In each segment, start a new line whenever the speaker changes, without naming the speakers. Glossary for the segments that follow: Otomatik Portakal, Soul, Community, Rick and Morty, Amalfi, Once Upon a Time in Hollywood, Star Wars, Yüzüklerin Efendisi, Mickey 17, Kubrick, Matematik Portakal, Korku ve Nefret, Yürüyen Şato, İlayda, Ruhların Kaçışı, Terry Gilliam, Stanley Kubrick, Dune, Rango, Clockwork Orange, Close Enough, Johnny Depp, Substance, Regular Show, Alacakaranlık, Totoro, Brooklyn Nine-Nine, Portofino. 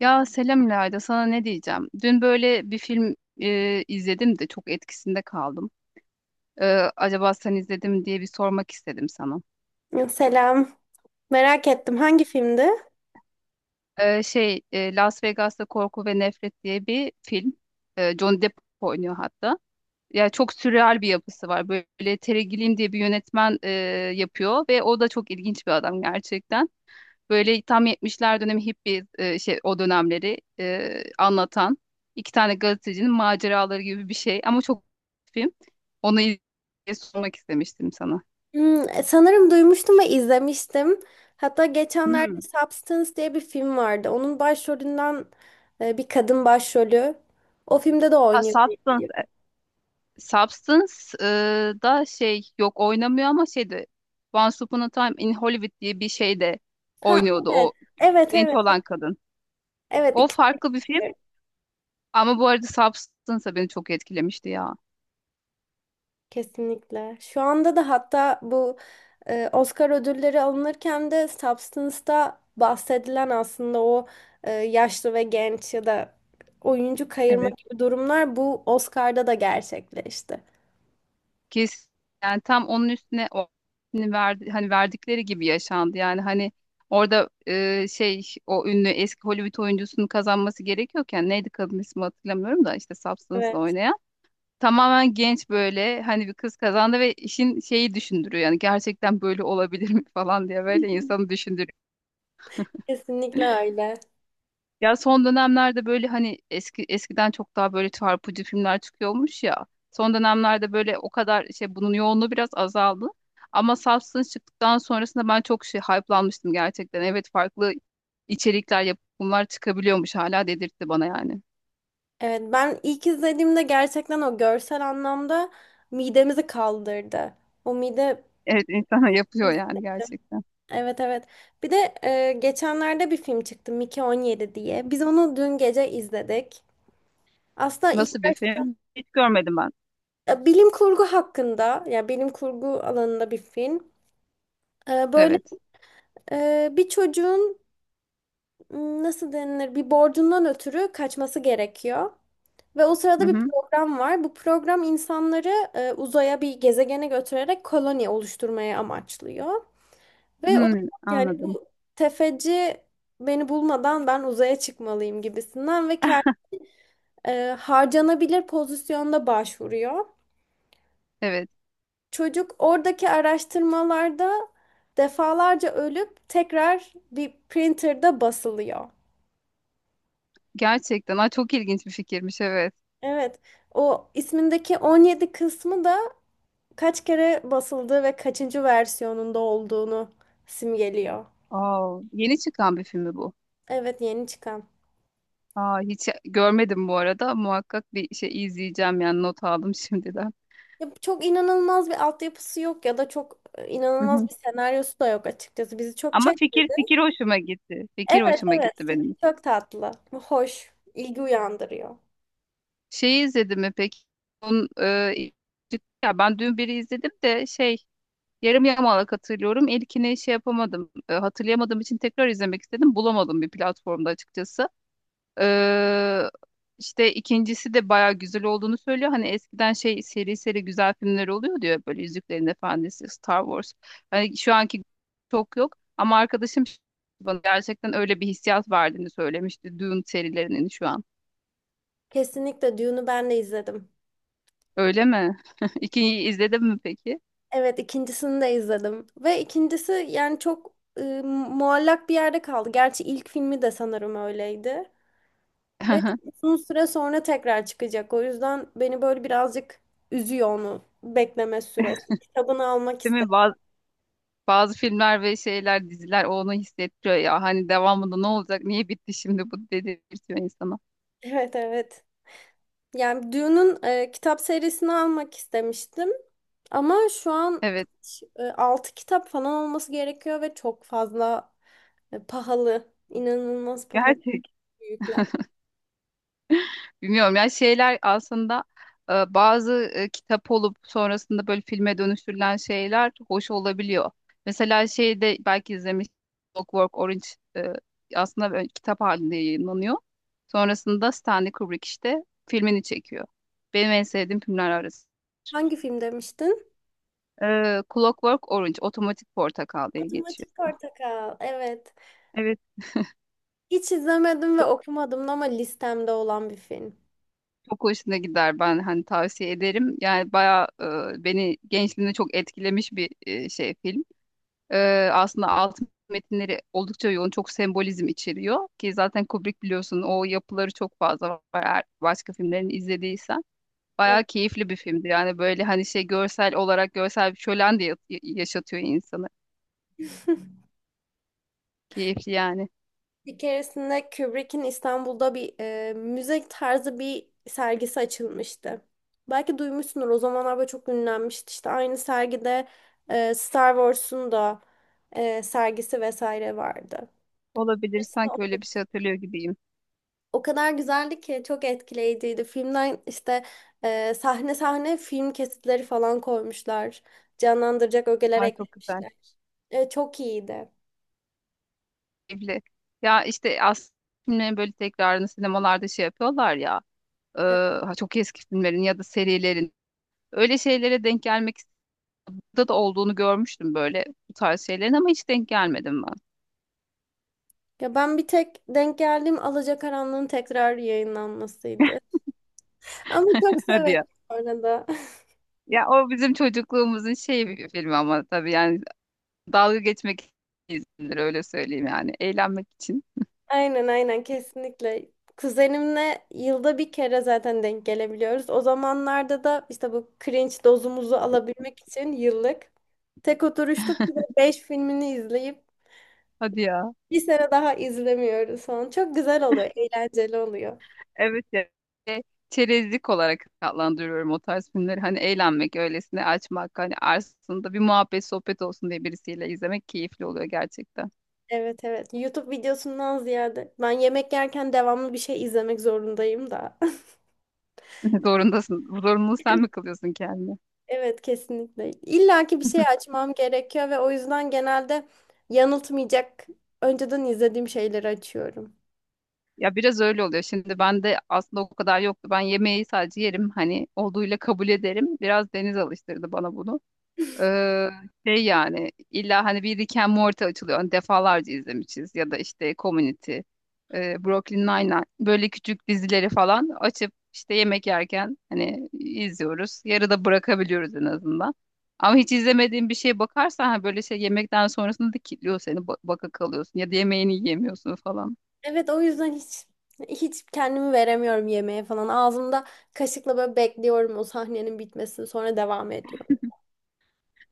Ya selam İlayda, sana ne diyeceğim? Dün böyle bir film izledim de çok etkisinde kaldım. E, acaba sen izledin mi diye bir sormak istedim sana.
Selam. Merak ettim hangi filmdi?
Las Vegas'ta Korku ve Nefret diye bir film. Johnny Depp oynuyor hatta. Ya çok sürreal bir yapısı var. Böyle Terry Gilliam diye bir yönetmen yapıyor ve o da çok ilginç bir adam gerçekten. Böyle tam yetmişler dönemi hippi o dönemleri anlatan iki tane gazetecinin maceraları gibi bir şey ama çok film. Onu sormak istemiştim sana.
Hmm, sanırım duymuştum ve izlemiştim. Hatta
Hmm.
geçenlerde Substance diye bir film vardı. Onun başrolünden bir kadın başrolü. O filmde de
Ha,
oynuyor diye
Substance.
biliyorum.
Substance e, da şey yok oynamıyor ama şeydi Once Upon a Time in Hollywood diye bir şey de
Ha,
oynuyordu
evet.
o
Evet,
genç
evet.
olan kadın.
Evet,
O
ikisi.
farklı bir film ama bu arada Substance da beni çok etkilemişti ya.
Kesinlikle. Şu anda da hatta bu Oscar ödülleri alınırken de Substance'da bahsedilen aslında o yaşlı ve genç ya da oyuncu kayırma
Evet.
gibi durumlar bu Oscar'da da gerçekleşti.
Kesin yani tam onun üstüne o hani verdi, hani verdikleri gibi yaşandı. Yani hani orada o ünlü eski Hollywood oyuncusunun kazanması gerekiyorken neydi kadın ismi hatırlamıyorum da işte Substance'la
Evet,
oynayan. Tamamen genç böyle hani bir kız kazandı ve işin şeyi düşündürüyor yani gerçekten böyle olabilir mi falan diye böyle insanı düşündürüyor.
kesinlikle öyle.
Ya son dönemlerde böyle hani eskiden çok daha böyle çarpıcı filmler çıkıyormuş ya. Son dönemlerde böyle o kadar şey bunun yoğunluğu biraz azaldı. Ama Substance çıktıktan sonrasında ben çok şey hype'lanmıştım gerçekten. Evet, farklı içerikler, yapımlar çıkabiliyormuş hala dedirtti bana yani.
Evet, ben ilk izlediğimde gerçekten o görsel anlamda midemizi kaldırdı. O mide
Evet, insana yapıyor yani
hissettim.
gerçekten.
Evet, evet. Bir de geçenlerde bir film çıktı, Mickey 17 diye. Biz onu dün gece izledik. Aslında
Nasıl
ilk
bir
baş-
film? Hiç görmedim ben.
Bilim kurgu hakkında, ya bilim kurgu alanında bir film. Böyle
Evet.
bir çocuğun nasıl denilir, bir borcundan ötürü kaçması gerekiyor. Ve o
Hı
sırada bir
hı.
program var. Bu program insanları uzaya, bir gezegene götürerek koloni oluşturmaya amaçlıyor. Ve o da
Hmm,
yani
Anladım.
bu tefeci beni bulmadan ben uzaya çıkmalıyım gibisinden ve kendi harcanabilir pozisyonda başvuruyor.
Evet.
Çocuk oradaki araştırmalarda defalarca ölüp tekrar bir printer'da basılıyor.
Gerçekten. Ay, çok ilginç bir fikirmiş, evet.
Evet. O ismindeki 17 kısmı da kaç kere basıldığı ve kaçıncı versiyonunda olduğunu simgeliyor.
Aa, yeni çıkan bir film mi bu?
Evet, yeni çıkan.
Aa, hiç görmedim bu arada. Muhakkak bir şey izleyeceğim yani, not aldım şimdiden.
Ya çok inanılmaz bir altyapısı yok ya da çok
Hı
inanılmaz
hı.
bir senaryosu da yok açıkçası. Bizi çok
Ama
çek.
fikir fikir hoşuma gitti. Fikir
Evet,
hoşuma
evet.
gitti benim.
Fikri çok tatlı. Hoş. İlgi uyandırıyor.
Şeyi izledim mi peki? Onun, ya ben dün biri izledim de şey yarım yamalak hatırlıyorum. İlkini şey yapamadım. Hatırlayamadığım için tekrar izlemek istedim. Bulamadım bir platformda açıkçası. Ee, işte ikincisi de bayağı güzel olduğunu söylüyor. Hani eskiden şey seri seri güzel filmler oluyor diyor. Böyle Yüzüklerin Efendisi, Star Wars. Hani şu anki çok yok. Ama arkadaşım bana gerçekten öyle bir hissiyat verdiğini söylemişti. Dune serilerinin şu an.
Kesinlikle Dune'u ben de izledim.
Öyle mi? İkinciyi izledin mi peki?
Evet, ikincisini de izledim. Ve ikincisi yani çok muallak bir yerde kaldı. Gerçi ilk filmi de sanırım öyleydi. Ve uzun süre sonra tekrar çıkacak. O yüzden beni böyle birazcık üzüyor onu bekleme süresi. Kitabını almak
Değil mi?
istedim.
Bazı filmler ve şeyler, diziler onu hissettiriyor ya. Hani devamında ne olacak? Niye bitti şimdi bu dedirtiyor insana.
Evet, evet. Yani Dune'un kitap serisini almak istemiştim. Ama şu an
Evet.
kaç, 6 kitap falan olması gerekiyor ve çok fazla pahalı. İnanılmaz pahalı
Gerçek.
büyükler.
Bilmiyorum ya, şeyler aslında bazı kitap olup sonrasında böyle filme dönüştürülen şeyler hoş olabiliyor. Mesela şeyde belki izlemiş Clockwork Orange e, aslında böyle kitap halinde yayınlanıyor. Sonrasında Stanley Kubrick işte filmini çekiyor. Benim en sevdiğim filmler arasında.
Hangi film demiştin?
Clockwork Orange, Otomatik Portakal diye geçiyor.
Matematik Portakal. Evet.
Evet.
Hiç izlemedim ve
Çok,
okumadım ama listemde olan bir film.
çok hoşuna gider, ben hani tavsiye ederim. Yani bayağı beni gençliğimde çok etkilemiş bir şey film. Aslında alt metinleri oldukça yoğun, çok sembolizm içeriyor ki zaten Kubrick biliyorsun o yapıları çok fazla var. Eğer başka filmlerini izlediysen
Evet.
bayağı keyifli bir filmdi. Yani böyle hani şey görsel olarak görsel bir şölen de yaşatıyor insanı. Keyifli yani.
Bir keresinde Kubrick'in İstanbul'da bir müze tarzı bir sergisi açılmıştı. Belki duymuşsundur, o zamanlar böyle çok ünlenmişti. İşte aynı sergide Star Wars'un da sergisi vesaire vardı.
Olabilir,
Aslında
sanki öyle bir şey hatırlıyor gibiyim.
o kadar güzeldi ki çok etkileyiciydi. Filmden işte sahne sahne film kesitleri falan koymuşlar. Canlandıracak ögeler
Ay, çok güzel.
eklemişler. Çok iyiydi.
Keyifli. Ya işte aslında filmlerin böyle tekrarını sinemalarda şey yapıyorlar ya. e, ha çok eski filmlerin ya da serilerin. Öyle şeylere denk gelmek da olduğunu görmüştüm böyle bu tarz şeylerin ama hiç denk gelmedim ben.
Ya ben bir tek denk geldiğim Alacakaranlığın tekrar yayınlanmasıydı. Ama çok
Hadi
severim
ya.
orada.
Ya o bizim çocukluğumuzun şey bir filmi ama tabii yani dalga geçmek izindir öyle söyleyeyim yani. Eğlenmek için.
Aynen, aynen, kesinlikle. Kuzenimle yılda bir kere zaten denk gelebiliyoruz. O zamanlarda da işte bu cringe dozumuzu alabilmek için yıllık tek oturuşta beş filmini izleyip
Hadi ya.
bir sene daha izlemiyoruz falan. Çok güzel oluyor, eğlenceli oluyor.
Evet ya. E, Çerezlik olarak adlandırıyorum o tarz filmleri. Hani eğlenmek, öylesine açmak, hani arasında bir muhabbet, sohbet olsun diye birisiyle izlemek keyifli oluyor gerçekten.
Evet, evet. YouTube videosundan ziyade ben yemek yerken devamlı bir şey izlemek zorundayım da.
Zorundasın. Bu zorunluluğu sen mi kılıyorsun kendine?
Evet, kesinlikle. İlla ki bir şey açmam gerekiyor ve o yüzden genelde yanıltmayacak, önceden izlediğim şeyleri açıyorum.
Ya biraz öyle oluyor. Şimdi ben de aslında o kadar yoktu. Ben yemeği sadece yerim. Hani olduğuyla kabul ederim. Biraz Deniz alıştırdı bana bunu. Ee, Şey yani, illa hani bir Rick and Morty açılıyor. Hani defalarca izlemişiz. Ya da işte Community, Brooklyn Nine-Nine. Böyle küçük dizileri falan açıp işte yemek yerken hani izliyoruz. Yarıda bırakabiliyoruz en azından. Ama hiç izlemediğin bir şeye bakarsan hani böyle şey yemekten sonrasında da kilitliyor seni. Baka kalıyorsun ya da yemeğini yiyemiyorsun falan.
Evet, o yüzden hiç kendimi veremiyorum yemeğe falan. Ağzımda kaşıkla böyle bekliyorum o sahnenin bitmesini, sonra devam ediyor.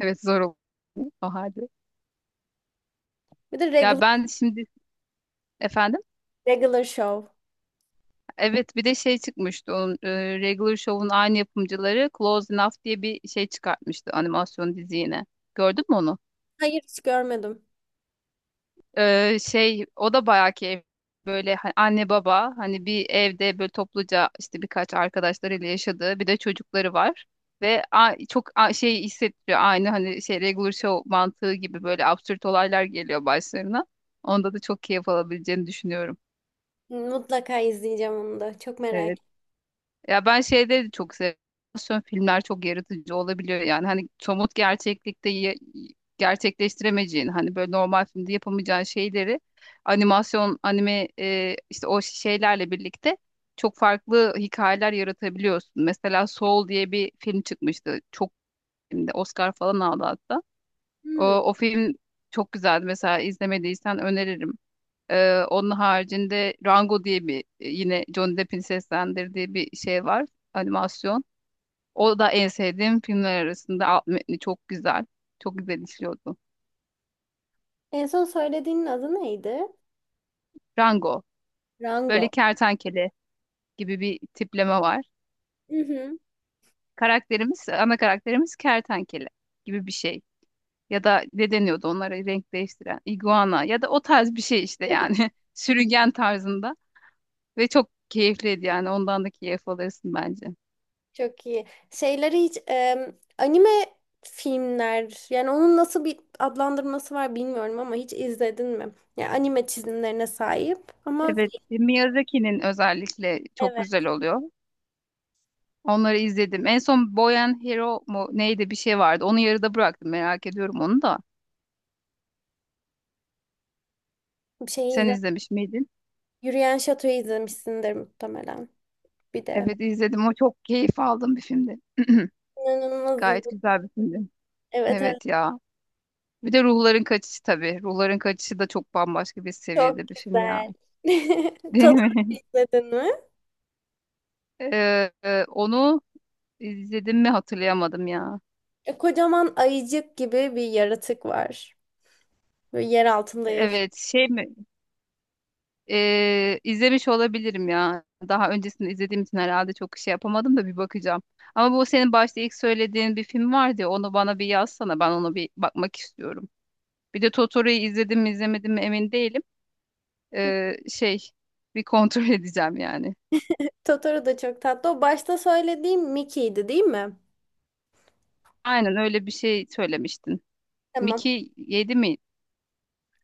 Evet, zor oldu o halde.
Bir de
Ya
regular,
ben şimdi, efendim,
regular show.
evet, bir de şey çıkmıştı, onun Regular Show'un aynı yapımcıları Close Enough diye bir şey çıkartmıştı, animasyon dizi yine. Gördün mü onu?
Hayır, hiç görmedim.
Şey o da bayağı ki böyle anne baba hani bir evde böyle topluca işte birkaç arkadaşlarıyla yaşadığı, bir de çocukları var. Ve çok şey hissettiriyor, aynı hani şey Regular Show mantığı gibi böyle absürt olaylar geliyor başlarına. Onda da çok keyif alabileceğini düşünüyorum.
Mutlaka izleyeceğim onu da. Çok merak
Evet.
ettim.
Ya ben şeyde de çok seviyorum. Animasyon filmler çok yaratıcı olabiliyor yani. Hani somut gerçeklikte gerçekleştiremeyeceğin, hani böyle normal filmde yapamayacağın şeyleri animasyon, anime işte o şeylerle birlikte çok farklı hikayeler yaratabiliyorsun. Mesela Soul diye bir film çıkmıştı. Çok filmde Oscar falan aldı hatta. O,
Hmm.
o film çok güzeldi. Mesela izlemediysen öneririm. Onun haricinde Rango diye bir, yine Johnny Depp'in seslendirdiği bir şey var. Animasyon. O da en sevdiğim filmler arasında. Alt metni çok güzel. Çok güzel işliyordu.
En son söylediğinin adı neydi?
Rango.
Rango.
Böyle kertenkele gibi bir tipleme var.
Hı hı.
Karakterimiz, ana karakterimiz kertenkele gibi bir şey. Ya da ne deniyordu onlara renk değiştiren? Iguana ya da o tarz bir şey işte yani. Sürüngen tarzında. Ve çok keyifliydi yani, ondan da keyif alırsın bence.
Çok iyi. Şeyleri hiç anime filmler, yani onun nasıl bir adlandırması var bilmiyorum ama hiç izledin mi? Yani anime çizimlerine sahip ama
Evet, Miyazaki'nin özellikle çok
evet
güzel oluyor. Onları izledim. En son Boy and Hero mu neydi, bir şey vardı. Onu yarıda bıraktım. Merak ediyorum onu da.
bir şey
Sen
izle.
izlemiş miydin?
Yürüyen Şato'yu izlemişsindir muhtemelen bir de.
Evet, izledim. O çok keyif aldığım bir filmdi.
İnanılmaz iyi.
Gayet güzel bir filmdi.
Evet, evet,
Evet ya. Bir de Ruhların Kaçışı tabii. Ruhların Kaçışı da çok bambaşka bir
çok
seviyede bir film ya.
güzel.
Değil
Totoro
mi?
izledin mi?
Onu izledim mi hatırlayamadım ya.
Kocaman ayıcık gibi bir yaratık var. Böyle yer altında yaşıyor.
Evet, şey mi? İzlemiş olabilirim ya. Daha öncesinde izlediğim için herhalde çok şey yapamadım da bir bakacağım. Ama bu senin başta ilk söylediğin bir film vardı ya, onu bana bir yazsana, ben ona bir bakmak istiyorum. Bir de Totoro'yu izledim mi izlemedim mi emin değilim. Şey bir kontrol edeceğim yani.
Totoro da çok tatlı. O başta söylediğim Mickey'di, değil mi?
Aynen, öyle bir şey söylemiştin.
Tamam.
Miki yedi mi?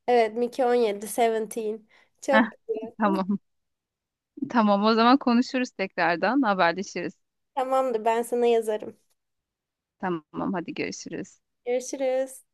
Evet, Mickey 17, 17. Çok
Heh,
güzel.
tamam. Tamam, o zaman konuşuruz, tekrardan haberleşiriz.
Tamamdır, ben sana yazarım.
Tamam, hadi görüşürüz.
Görüşürüz.